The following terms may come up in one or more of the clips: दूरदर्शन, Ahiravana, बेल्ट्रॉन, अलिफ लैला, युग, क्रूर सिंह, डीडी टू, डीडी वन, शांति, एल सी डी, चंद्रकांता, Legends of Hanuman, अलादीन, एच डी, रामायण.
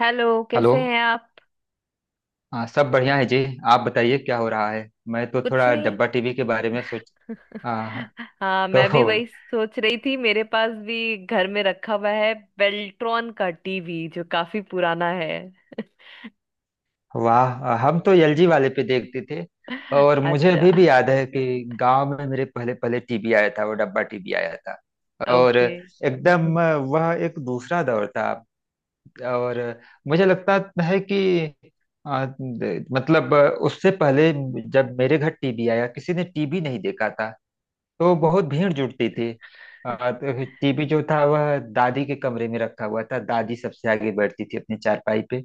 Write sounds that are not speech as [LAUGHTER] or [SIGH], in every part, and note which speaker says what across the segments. Speaker 1: Hello,
Speaker 2: hello.
Speaker 1: कैसे हैं आप?
Speaker 2: हाँ, सब बढ़िया है जी। आप बताइए, क्या हो रहा है। मैं तो
Speaker 1: कुछ
Speaker 2: थोड़ा
Speaker 1: नहीं।
Speaker 2: डब्बा टीवी के बारे में सोच
Speaker 1: [LAUGHS]
Speaker 2: आ,
Speaker 1: हाँ, मैं भी
Speaker 2: तो
Speaker 1: वही सोच रही थी, मेरे पास भी घर में रखा हुआ है बेल्ट्रॉन का टीवी जो काफी पुराना है।
Speaker 2: [LAUGHS] वाह, हम तो एलजी वाले पे देखते थे।
Speaker 1: [LAUGHS]
Speaker 2: और मुझे
Speaker 1: अच्छा।
Speaker 2: अभी भी याद है कि गांव में मेरे पहले पहले टीवी आया था, वो डब्बा टीवी आया था। और
Speaker 1: ओके।
Speaker 2: एकदम वह एक दूसरा दौर था। और मुझे लगता है कि मतलब उससे पहले जब मेरे घर टीवी आया, किसी ने टीवी नहीं देखा था, तो बहुत भीड़ जुटती थी। तो टीवी जो था वह दादी के कमरे में रखा हुआ था। दादी सबसे आगे बैठती थी अपनी चारपाई पे।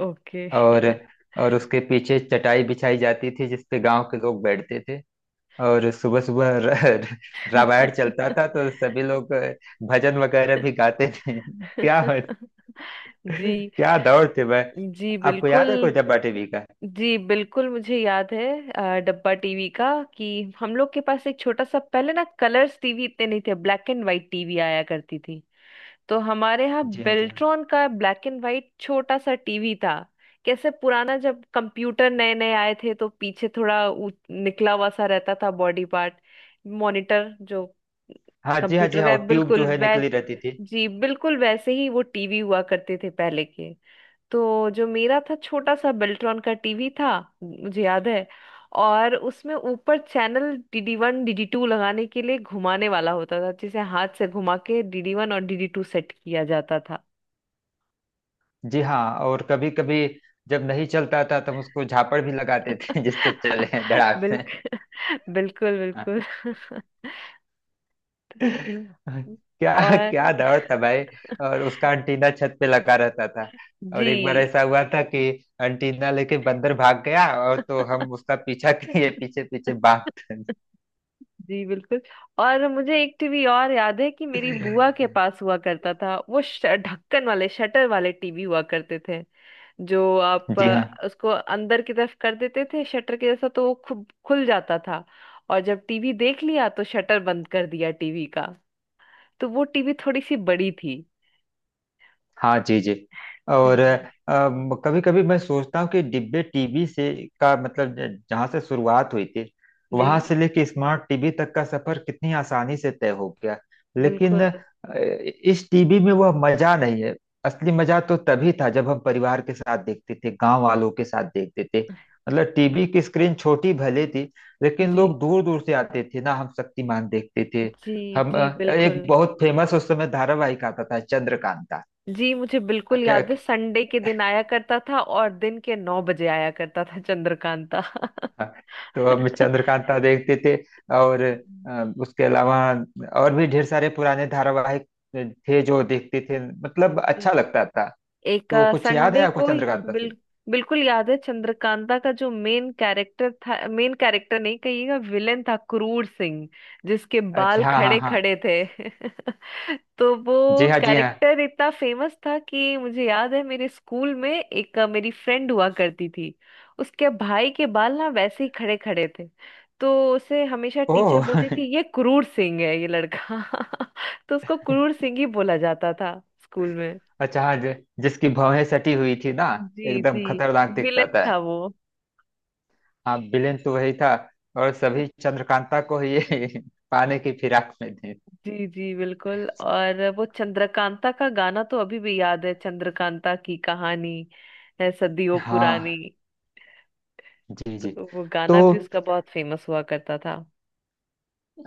Speaker 1: ओके।
Speaker 2: और और उसके पीछे चटाई बिछाई जाती थी जिसपे गांव के लोग बैठते थे। और सुबह सुबह रामायण चलता था तो सभी लोग भजन वगैरह भी गाते
Speaker 1: [LAUGHS]
Speaker 2: थे [LAUGHS] क्या
Speaker 1: जी।
Speaker 2: क्या दौर थे वह।
Speaker 1: जी
Speaker 2: आपको याद
Speaker 1: बिल्कुल।
Speaker 2: है कोई डब्बा टीवी का?
Speaker 1: जी बिल्कुल मुझे याद है डब्बा टीवी का, कि हम लोग के पास एक छोटा सा पहले ना, कलर्स टीवी इतने नहीं थे, ब्लैक एंड व्हाइट टीवी आया करती थी। तो हमारे यहाँ
Speaker 2: जी हाँ, जी हाँ।
Speaker 1: बेल्ट्रॉन का ब्लैक एंड वाइट छोटा सा टीवी था। कैसे पुराना, जब कंप्यूटर नए नए आए थे तो पीछे थोड़ा निकला हुआ सा रहता था, बॉडी पार्ट, मॉनिटर जो
Speaker 2: हाँ जी, हाँ जी,
Speaker 1: कंप्यूटर का
Speaker 2: हाँ।
Speaker 1: है
Speaker 2: और ट्यूब
Speaker 1: बिल्कुल
Speaker 2: जो है
Speaker 1: वैस
Speaker 2: निकली रहती थी।
Speaker 1: जी बिल्कुल वैसे ही वो टीवी हुआ करते थे पहले के। तो जो मेरा था, छोटा सा बेल्ट्रॉन का टीवी था, मुझे याद है। और उसमें ऊपर channel डीडी वन डीडी टू लगाने के लिए घुमाने वाला होता था, जिसे हाथ से घुमा के डीडी वन और डीडी टू सेट किया जाता था।
Speaker 2: जी हाँ। और कभी कभी जब नहीं चलता था तब उसको झापड़ भी लगाते थे [LAUGHS] जिससे चले
Speaker 1: [LAUGHS]
Speaker 2: धड़ाक से।
Speaker 1: बिल्कुल। बिल्कुल बिल्कुल। [LAUGHS]
Speaker 2: हाँ। क्या क्या
Speaker 1: और
Speaker 2: दौड़ था भाई। और उसका अंटीना छत पे लगा रहता था। और एक बार
Speaker 1: जी
Speaker 2: ऐसा हुआ था कि अंटीना लेके बंदर भाग गया, और तो हम उसका पीछा [LAUGHS] किए, पीछे पीछे भागते।
Speaker 1: जी बिल्कुल। और मुझे एक टीवी और याद है कि मेरी बुआ के पास हुआ करता था, वो ढक्कन वाले, शटर वाले टीवी हुआ करते थे। जो आप
Speaker 2: जी हाँ।
Speaker 1: उसको अंदर की तरफ कर देते थे शटर के जैसा, तो वो खुद खुल जाता था। और जब टीवी देख लिया तो शटर बंद कर दिया टीवी का। तो वो टीवी थोड़ी सी बड़ी थी।
Speaker 2: हाँ जी जी। और
Speaker 1: जी।
Speaker 2: कभी कभी मैं सोचता हूँ कि डिब्बे टीवी से का मतलब जहाँ से शुरुआत हुई थी
Speaker 1: जी
Speaker 2: वहां से लेके स्मार्ट टीवी तक का सफर कितनी आसानी से तय हो गया। लेकिन
Speaker 1: बिल्कुल।
Speaker 2: इस टीवी में वह मजा नहीं है। असली मजा तो तभी था जब हम परिवार के साथ देखते थे, गांव वालों के साथ देखते थे। मतलब टीवी की स्क्रीन छोटी भले थी, लेकिन
Speaker 1: जी।
Speaker 2: लोग दूर दूर से आते थे ना। हम शक्तिमान देखते थे।
Speaker 1: जी
Speaker 2: हम
Speaker 1: जी
Speaker 2: एक
Speaker 1: बिल्कुल।
Speaker 2: बहुत फेमस उस समय धारावाहिक आता था चंद्रकांता।
Speaker 1: जी मुझे बिल्कुल
Speaker 2: क्या
Speaker 1: याद है,
Speaker 2: क्या-
Speaker 1: संडे के दिन आया करता था, और दिन के 9 बजे आया करता था चंद्रकांता।
Speaker 2: हाँ, तो हम
Speaker 1: [LAUGHS]
Speaker 2: चंद्रकांता देखते थे। और उसके अलावा और भी ढेर सारे पुराने धारावाहिक थे जो देखते थे, मतलब अच्छा
Speaker 1: जी।
Speaker 2: लगता था।
Speaker 1: एक।
Speaker 2: तो कुछ याद है
Speaker 1: संडे
Speaker 2: आपको
Speaker 1: को ही।
Speaker 2: चंद्रकांता
Speaker 1: बिल,
Speaker 2: से?
Speaker 1: बिल्कुल याद है, चंद्रकांता का जो मेन कैरेक्टर था, मेन कैरेक्टर नहीं कहिएगा, विलेन था, क्रूर सिंह, जिसके
Speaker 2: अच्छा,
Speaker 1: बाल
Speaker 2: हाँ हाँ
Speaker 1: खड़े
Speaker 2: हाँ।
Speaker 1: खड़े थे। [LAUGHS] तो वो
Speaker 2: जी हाँ, जी हाँ।
Speaker 1: कैरेक्टर इतना फेमस था कि मुझे याद है, मेरे स्कूल में एक मेरी फ्रेंड हुआ करती थी। उसके भाई के बाल ना वैसे ही खड़े खड़े थे, तो उसे हमेशा टीचर
Speaker 2: ओह
Speaker 1: बोलती
Speaker 2: [LAUGHS]
Speaker 1: थी, ये क्रूर सिंह है ये लड़का। [LAUGHS] तो उसको क्रूर सिंह ही बोला जाता था स्कूल में।
Speaker 2: अच्छा हाँ, जिसकी भौहें सटी हुई थी ना,
Speaker 1: जी
Speaker 2: एकदम
Speaker 1: जी।
Speaker 2: खतरनाक दिखता
Speaker 1: विलेन
Speaker 2: था।
Speaker 1: था वो।
Speaker 2: हाँ, विलेन तो वही था। और सभी चंद्रकांता को ये [LAUGHS] पाने की फिराक में थे।
Speaker 1: जी जी बिल्कुल। और वो चंद्रकांता का गाना तो अभी भी याद है, चंद्रकांता की कहानी है सदियों पुरानी।
Speaker 2: हाँ जी जी।
Speaker 1: तो वो
Speaker 2: तो
Speaker 1: गाना भी उसका बहुत फेमस हुआ करता था।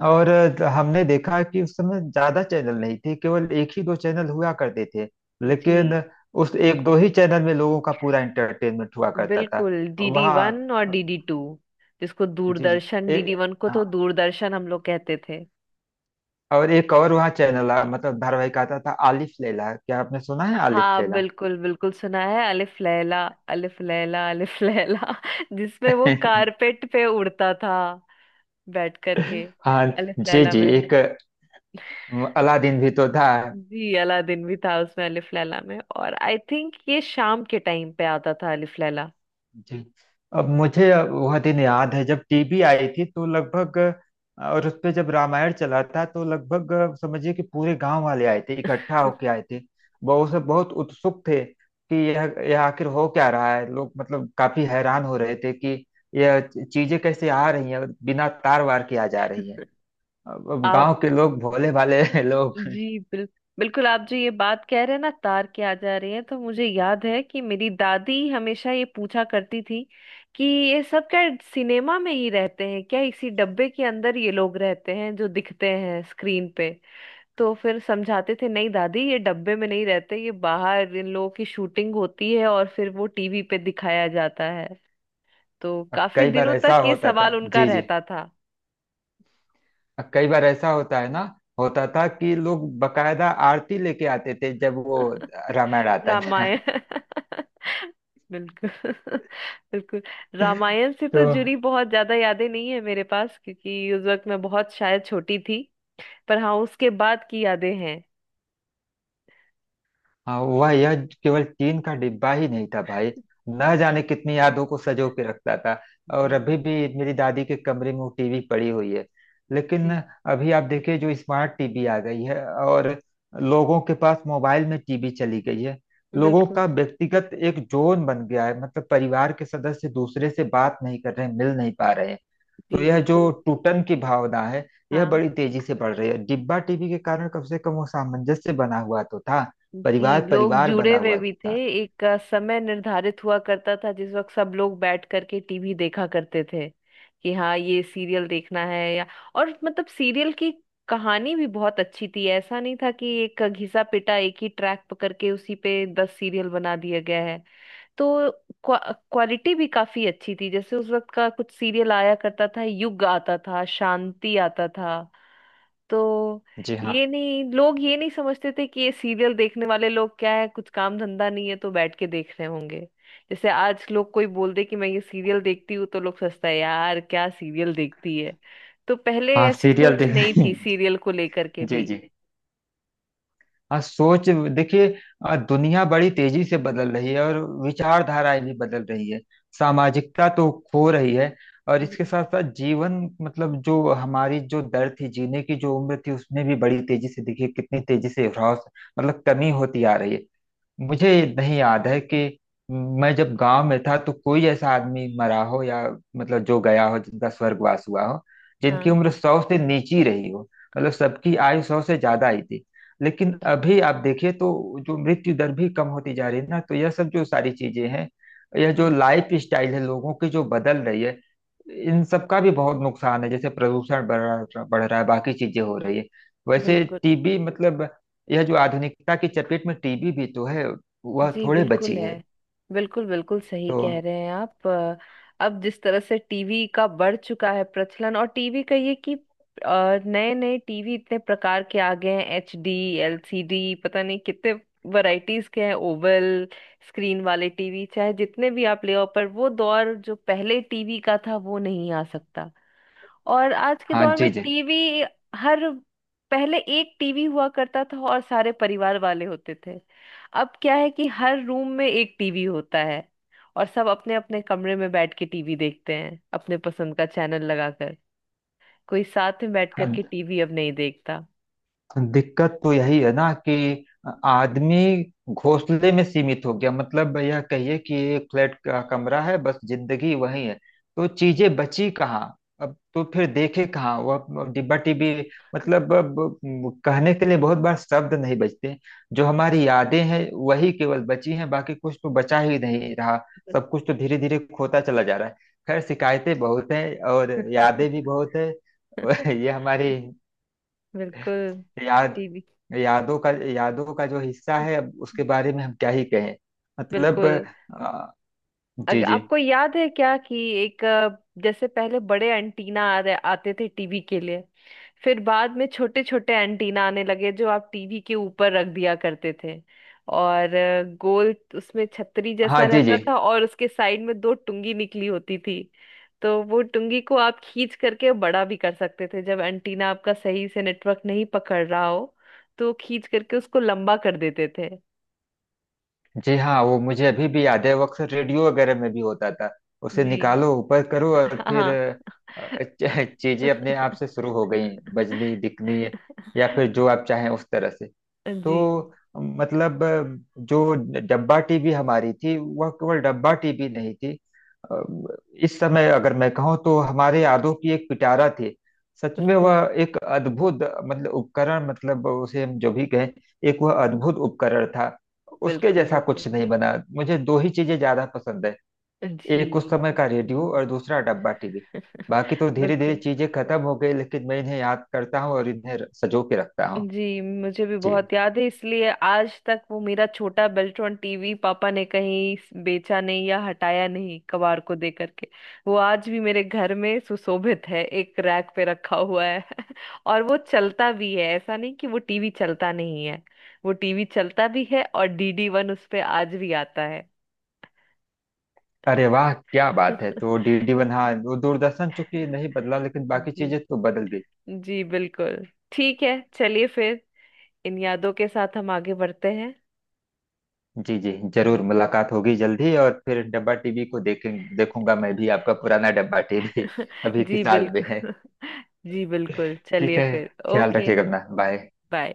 Speaker 2: और हमने देखा कि उस समय ज्यादा चैनल नहीं थे, केवल एक ही दो चैनल हुआ करते थे।
Speaker 1: जी
Speaker 2: लेकिन उस एक दो ही चैनल में लोगों का पूरा एंटरटेनमेंट हुआ करता था।
Speaker 1: बिल्कुल, डीडी
Speaker 2: वहाँ
Speaker 1: वन और
Speaker 2: अ,
Speaker 1: डीडी टू। जिसको
Speaker 2: जी जी।
Speaker 1: दूरदर्शन,
Speaker 2: ए,
Speaker 1: डीडी वन को तो
Speaker 2: हाँ।
Speaker 1: दूरदर्शन हम लोग कहते थे।
Speaker 2: और एक और वहाँ चैनल मतलब धारावाहिक आता था आलिफ लैला। क्या आपने सुना है आलिफ
Speaker 1: हाँ
Speaker 2: लैला?
Speaker 1: बिल्कुल बिल्कुल, सुना है अलिफ लैला। अलिफ लैला, अलिफ लैला। [LAUGHS] जिसमें वो
Speaker 2: [LAUGHS]
Speaker 1: कारपेट पे उड़ता था बैठ करके,
Speaker 2: हाँ
Speaker 1: अलिफ
Speaker 2: जी
Speaker 1: लैला
Speaker 2: जी।
Speaker 1: में।
Speaker 2: एक अलादीन भी तो था।
Speaker 1: जी, अलादीन भी था उसमें, अलिफ लैला में, और आई थिंक ये शाम के टाइम पे आता था अलिफ लैला।
Speaker 2: जी। अब मुझे वह दिन याद है जब टीवी आई थी तो लगभग। और उस पे जब रामायण चला था तो लगभग समझिए कि पूरे गांव वाले आए थे, इकट्ठा होके आए थे। बहुत सब बहुत उत्सुक थे कि यह आखिर हो क्या रहा है। लोग मतलब काफी हैरान हो रहे थे कि यह चीजें कैसे आ रही हैं, बिना तार वार के आ जा रही हैं। अब
Speaker 1: आप
Speaker 2: गांव के लोग भोले भाले [LAUGHS] लोग।
Speaker 1: जी बिल्कुल, आप जो ये बात कह रहे हैं ना तार के आ जा रही है, तो मुझे याद है कि मेरी दादी हमेशा ये पूछा करती थी कि ये सब क्या सिनेमा में ही रहते हैं क्या, इसी डब्बे के अंदर ये लोग रहते हैं जो दिखते हैं स्क्रीन पे? तो फिर समझाते थे, नहीं दादी ये डब्बे में नहीं रहते, ये बाहर इन लोगों की शूटिंग होती है और फिर वो टीवी पे दिखाया जाता है। तो काफी
Speaker 2: कई बार
Speaker 1: दिनों
Speaker 2: ऐसा
Speaker 1: तक ये
Speaker 2: होता था,
Speaker 1: सवाल उनका
Speaker 2: जी जी।
Speaker 1: रहता था।
Speaker 2: कई बार ऐसा होता है ना, होता था कि लोग बकायदा आरती लेके आते थे जब वो
Speaker 1: [LAUGHS]
Speaker 2: रामायण आता था
Speaker 1: रामायण। [LAUGHS] बिल्कुल। [LAUGHS] बिल्कुल।
Speaker 2: [LAUGHS]
Speaker 1: रामायण से तो
Speaker 2: तो
Speaker 1: जुड़ी बहुत ज्यादा यादें नहीं है मेरे पास, क्योंकि उस वक्त मैं बहुत शायद छोटी थी। पर हाँ, उसके बाद की यादें हैं।
Speaker 2: हाँ, वह यह केवल टीन का डिब्बा ही नहीं था भाई, न जाने कितनी यादों को सजो के रखता था। और
Speaker 1: जी
Speaker 2: अभी भी मेरी दादी के कमरे में वो टीवी पड़ी हुई है। लेकिन
Speaker 1: जी
Speaker 2: अभी आप देखिए जो स्मार्ट टीवी आ गई है, और लोगों के पास मोबाइल में टीवी चली गई है, लोगों
Speaker 1: बिल्कुल।
Speaker 2: का व्यक्तिगत एक जोन बन गया है, मतलब परिवार के सदस्य दूसरे से बात नहीं कर रहे, मिल नहीं पा रहे।
Speaker 1: जी
Speaker 2: तो यह जो
Speaker 1: बिल्कुल।
Speaker 2: टूटन की भावना है, यह
Speaker 1: हाँ।
Speaker 2: बड़ी तेजी से बढ़ रही है। डिब्बा टीवी के कारण कम से कम वो सामंजस्य बना हुआ तो था,
Speaker 1: जी,
Speaker 2: परिवार
Speaker 1: लोग
Speaker 2: परिवार
Speaker 1: जुड़े
Speaker 2: बना
Speaker 1: हुए
Speaker 2: हुआ
Speaker 1: भी थे।
Speaker 2: था।
Speaker 1: एक समय निर्धारित हुआ करता था जिस वक्त सब लोग बैठ करके टीवी देखा करते थे, कि हाँ ये सीरियल देखना है, या। और मतलब सीरियल की कहानी भी बहुत अच्छी थी, ऐसा नहीं था कि एक घिसा पिटा एक ही ट्रैक पकड़ के उसी पे 10 सीरियल बना दिया गया है। तो क्वा, क्वालिटी भी काफी अच्छी थी, जैसे उस वक्त का कुछ सीरियल आया करता था, युग आता था, शांति आता था। तो
Speaker 2: जी हाँ।
Speaker 1: ये नहीं, लोग ये नहीं समझते थे कि ये सीरियल देखने वाले लोग क्या है, कुछ काम धंधा नहीं है तो बैठ के देख रहे होंगे। जैसे आज लोग कोई बोल दे कि मैं ये सीरियल देखती हूँ तो लोग सोचता है, यार क्या सीरियल देखती है। तो पहले
Speaker 2: हाँ
Speaker 1: ऐसी
Speaker 2: सीरियल
Speaker 1: सोच
Speaker 2: देख
Speaker 1: नहीं
Speaker 2: रही
Speaker 1: थी
Speaker 2: हैं।
Speaker 1: सीरियल को लेकर के
Speaker 2: जी
Speaker 1: भी।
Speaker 2: जी। हाँ सोच, देखिए दुनिया बड़ी तेजी से बदल रही है और विचारधाराएं भी बदल रही है। सामाजिकता तो खो रही है। और
Speaker 1: जी
Speaker 2: इसके
Speaker 1: जी।
Speaker 2: साथ साथ जीवन मतलब जो हमारी जो दर थी जीने की, जो उम्र थी उसमें भी बड़ी तेजी से देखिए कितनी तेजी से ह्रास मतलब कमी होती आ रही है। मुझे
Speaker 1: जी
Speaker 2: नहीं याद है कि मैं जब गांव में था तो कोई ऐसा आदमी मरा हो, या मतलब जो गया हो, जिनका स्वर्गवास हुआ हो, जिनकी
Speaker 1: हाँ।
Speaker 2: उम्र 100 से नीची रही हो, मतलब सबकी आयु 100 से ज्यादा ही थी। लेकिन अभी आप देखिए तो जो मृत्यु दर भी कम होती जा रही है ना, तो यह सब जो सारी चीजें हैं, यह जो
Speaker 1: जी
Speaker 2: लाइफ स्टाइल है लोगों की जो बदल रही है, इन सब का भी बहुत नुकसान है। जैसे प्रदूषण बढ़ रहा है, बाकी चीजें हो रही है, वैसे
Speaker 1: बिल्कुल।
Speaker 2: टीबी मतलब यह जो आधुनिकता की चपेट में टीबी भी तो है, वह
Speaker 1: जी
Speaker 2: थोड़े
Speaker 1: बिल्कुल
Speaker 2: बची
Speaker 1: है।
Speaker 2: है।
Speaker 1: बिल्कुल बिल्कुल सही
Speaker 2: तो
Speaker 1: कह रहे हैं आप। अब जिस तरह से टीवी का बढ़ चुका है प्रचलन, और टीवी का ये कि नए नए टीवी इतने प्रकार के आ गए हैं, HD, LCD, पता नहीं कितने वैरायटीज के हैं, ओवल स्क्रीन वाले टीवी, चाहे जितने भी आप ले आओ, पर वो दौर जो पहले टीवी का था वो नहीं आ सकता। और आज के
Speaker 2: हाँ
Speaker 1: दौर में
Speaker 2: जी जी।
Speaker 1: टीवी, हर पहले एक टीवी हुआ करता था और सारे परिवार वाले होते थे, अब क्या है कि हर रूम में एक टीवी होता है, और सब अपने अपने कमरे में बैठ के टीवी देखते हैं अपने पसंद का चैनल लगाकर। कोई साथ में बैठ
Speaker 2: हाँ,
Speaker 1: करके टीवी अब नहीं देखता।
Speaker 2: दिक्कत तो यही है ना कि आदमी घोंसले में सीमित हो गया, मतलब यह कहिए कि एक फ्लैट का कमरा है, बस जिंदगी वही है। तो चीजें बची कहाँ, अब तो फिर देखे कहाँ वह डिब्बा टिब्बी, मतलब अब कहने के लिए बहुत बार शब्द नहीं बचते। जो हमारी यादें हैं, वही केवल बची हैं, बाकी कुछ तो बचा ही नहीं रहा। सब कुछ तो धीरे धीरे खोता चला जा रहा है। खैर, शिकायतें बहुत हैं और यादें भी
Speaker 1: [LAUGHS]
Speaker 2: बहुत है। [LAUGHS] ये हमारी
Speaker 1: बिल्कुल।
Speaker 2: याद
Speaker 1: टीवी
Speaker 2: यादों का जो हिस्सा है अब उसके बारे में हम क्या ही कहें, मतलब
Speaker 1: बिल्कुल।
Speaker 2: अ, जी जी।
Speaker 1: आपको याद है क्या कि एक जैसे पहले बड़े एंटीना आ रहे आते थे टीवी के लिए, फिर बाद में छोटे छोटे एंटीना आने लगे जो आप टीवी के ऊपर रख दिया करते थे। और गोल उसमें छतरी
Speaker 2: हाँ
Speaker 1: जैसा
Speaker 2: जी
Speaker 1: रहता
Speaker 2: जी।
Speaker 1: था, और उसके साइड में दो टुंगी निकली होती थी। तो वो टुंगी को आप खींच करके बड़ा भी कर सकते थे जब एंटीना आपका सही से नेटवर्क नहीं पकड़ रहा हो, तो खींच करके उसको लंबा कर देते थे।
Speaker 2: जी हाँ वो मुझे अभी भी याद है, वो अक्सर रेडियो वगैरह में भी होता था। उसे
Speaker 1: जी
Speaker 2: निकालो ऊपर करो और फिर
Speaker 1: हाँ।
Speaker 2: चीजें अपने आप से शुरू हो गई,
Speaker 1: [LAUGHS]
Speaker 2: बजनी
Speaker 1: [LAUGHS]
Speaker 2: दिखनी, या फिर जो आप चाहें उस तरह से।
Speaker 1: जी
Speaker 2: तो मतलब जो डब्बा टीवी हमारी थी वह केवल डब्बा टीवी नहीं थी, अ, इस समय अगर मैं कहूँ तो हमारे यादों की एक पिटारा थी। सच में
Speaker 1: बिल्कुल
Speaker 2: वह एक अद्भुत मतलब उपकरण, मतलब उसे हम जो भी कहें, एक वह अद्भुत उपकरण था। उसके
Speaker 1: बिल्कुल
Speaker 2: जैसा
Speaker 1: बिल्कुल।
Speaker 2: कुछ नहीं बना। मुझे दो ही चीजें ज्यादा पसंद है, एक उस
Speaker 1: जी
Speaker 2: समय का रेडियो और दूसरा डब्बा टीवी। बाकी तो धीरे धीरे
Speaker 1: बिल्कुल।
Speaker 2: चीजें खत्म हो गई, लेकिन मैं इन्हें याद करता हूँ और इन्हें सजो के रखता हूँ।
Speaker 1: जी मुझे भी
Speaker 2: जी।
Speaker 1: बहुत याद है, इसलिए आज तक वो मेरा छोटा बेल्ट्रॉन टीवी पापा ने कहीं बेचा नहीं या हटाया नहीं, कबाड़ को दे करके। वो आज भी मेरे घर में सुशोभित है, एक रैक पे रखा हुआ है। [LAUGHS] और वो चलता भी है, ऐसा नहीं कि वो टीवी चलता नहीं है। वो टीवी चलता भी है, और डीडी वन उस पे आज भी आता है।
Speaker 2: अरे वाह, क्या बात है।
Speaker 1: [LAUGHS]
Speaker 2: तो DD1, हाँ वो दूरदर्शन चूंकि नहीं बदला, लेकिन बाकी
Speaker 1: जी
Speaker 2: चीजें तो बदल गई।
Speaker 1: जी बिल्कुल। ठीक है, चलिए फिर इन यादों के साथ हम आगे बढ़ते हैं।
Speaker 2: जी जी, जरूर
Speaker 1: जी
Speaker 2: मुलाकात होगी जल्दी, और फिर डब्बा टीवी को देखेंगे, देखूंगा मैं भी आपका पुराना डब्बा टीवी [LAUGHS] अभी
Speaker 1: जी
Speaker 2: किस साल में है?
Speaker 1: बिल्कुल। [LAUGHS] जी बिल्कुल,
Speaker 2: ठीक
Speaker 1: चलिए
Speaker 2: है,
Speaker 1: फिर,
Speaker 2: ख्याल
Speaker 1: ओके।
Speaker 2: रखिएगा अपना, बाय।
Speaker 1: बाय।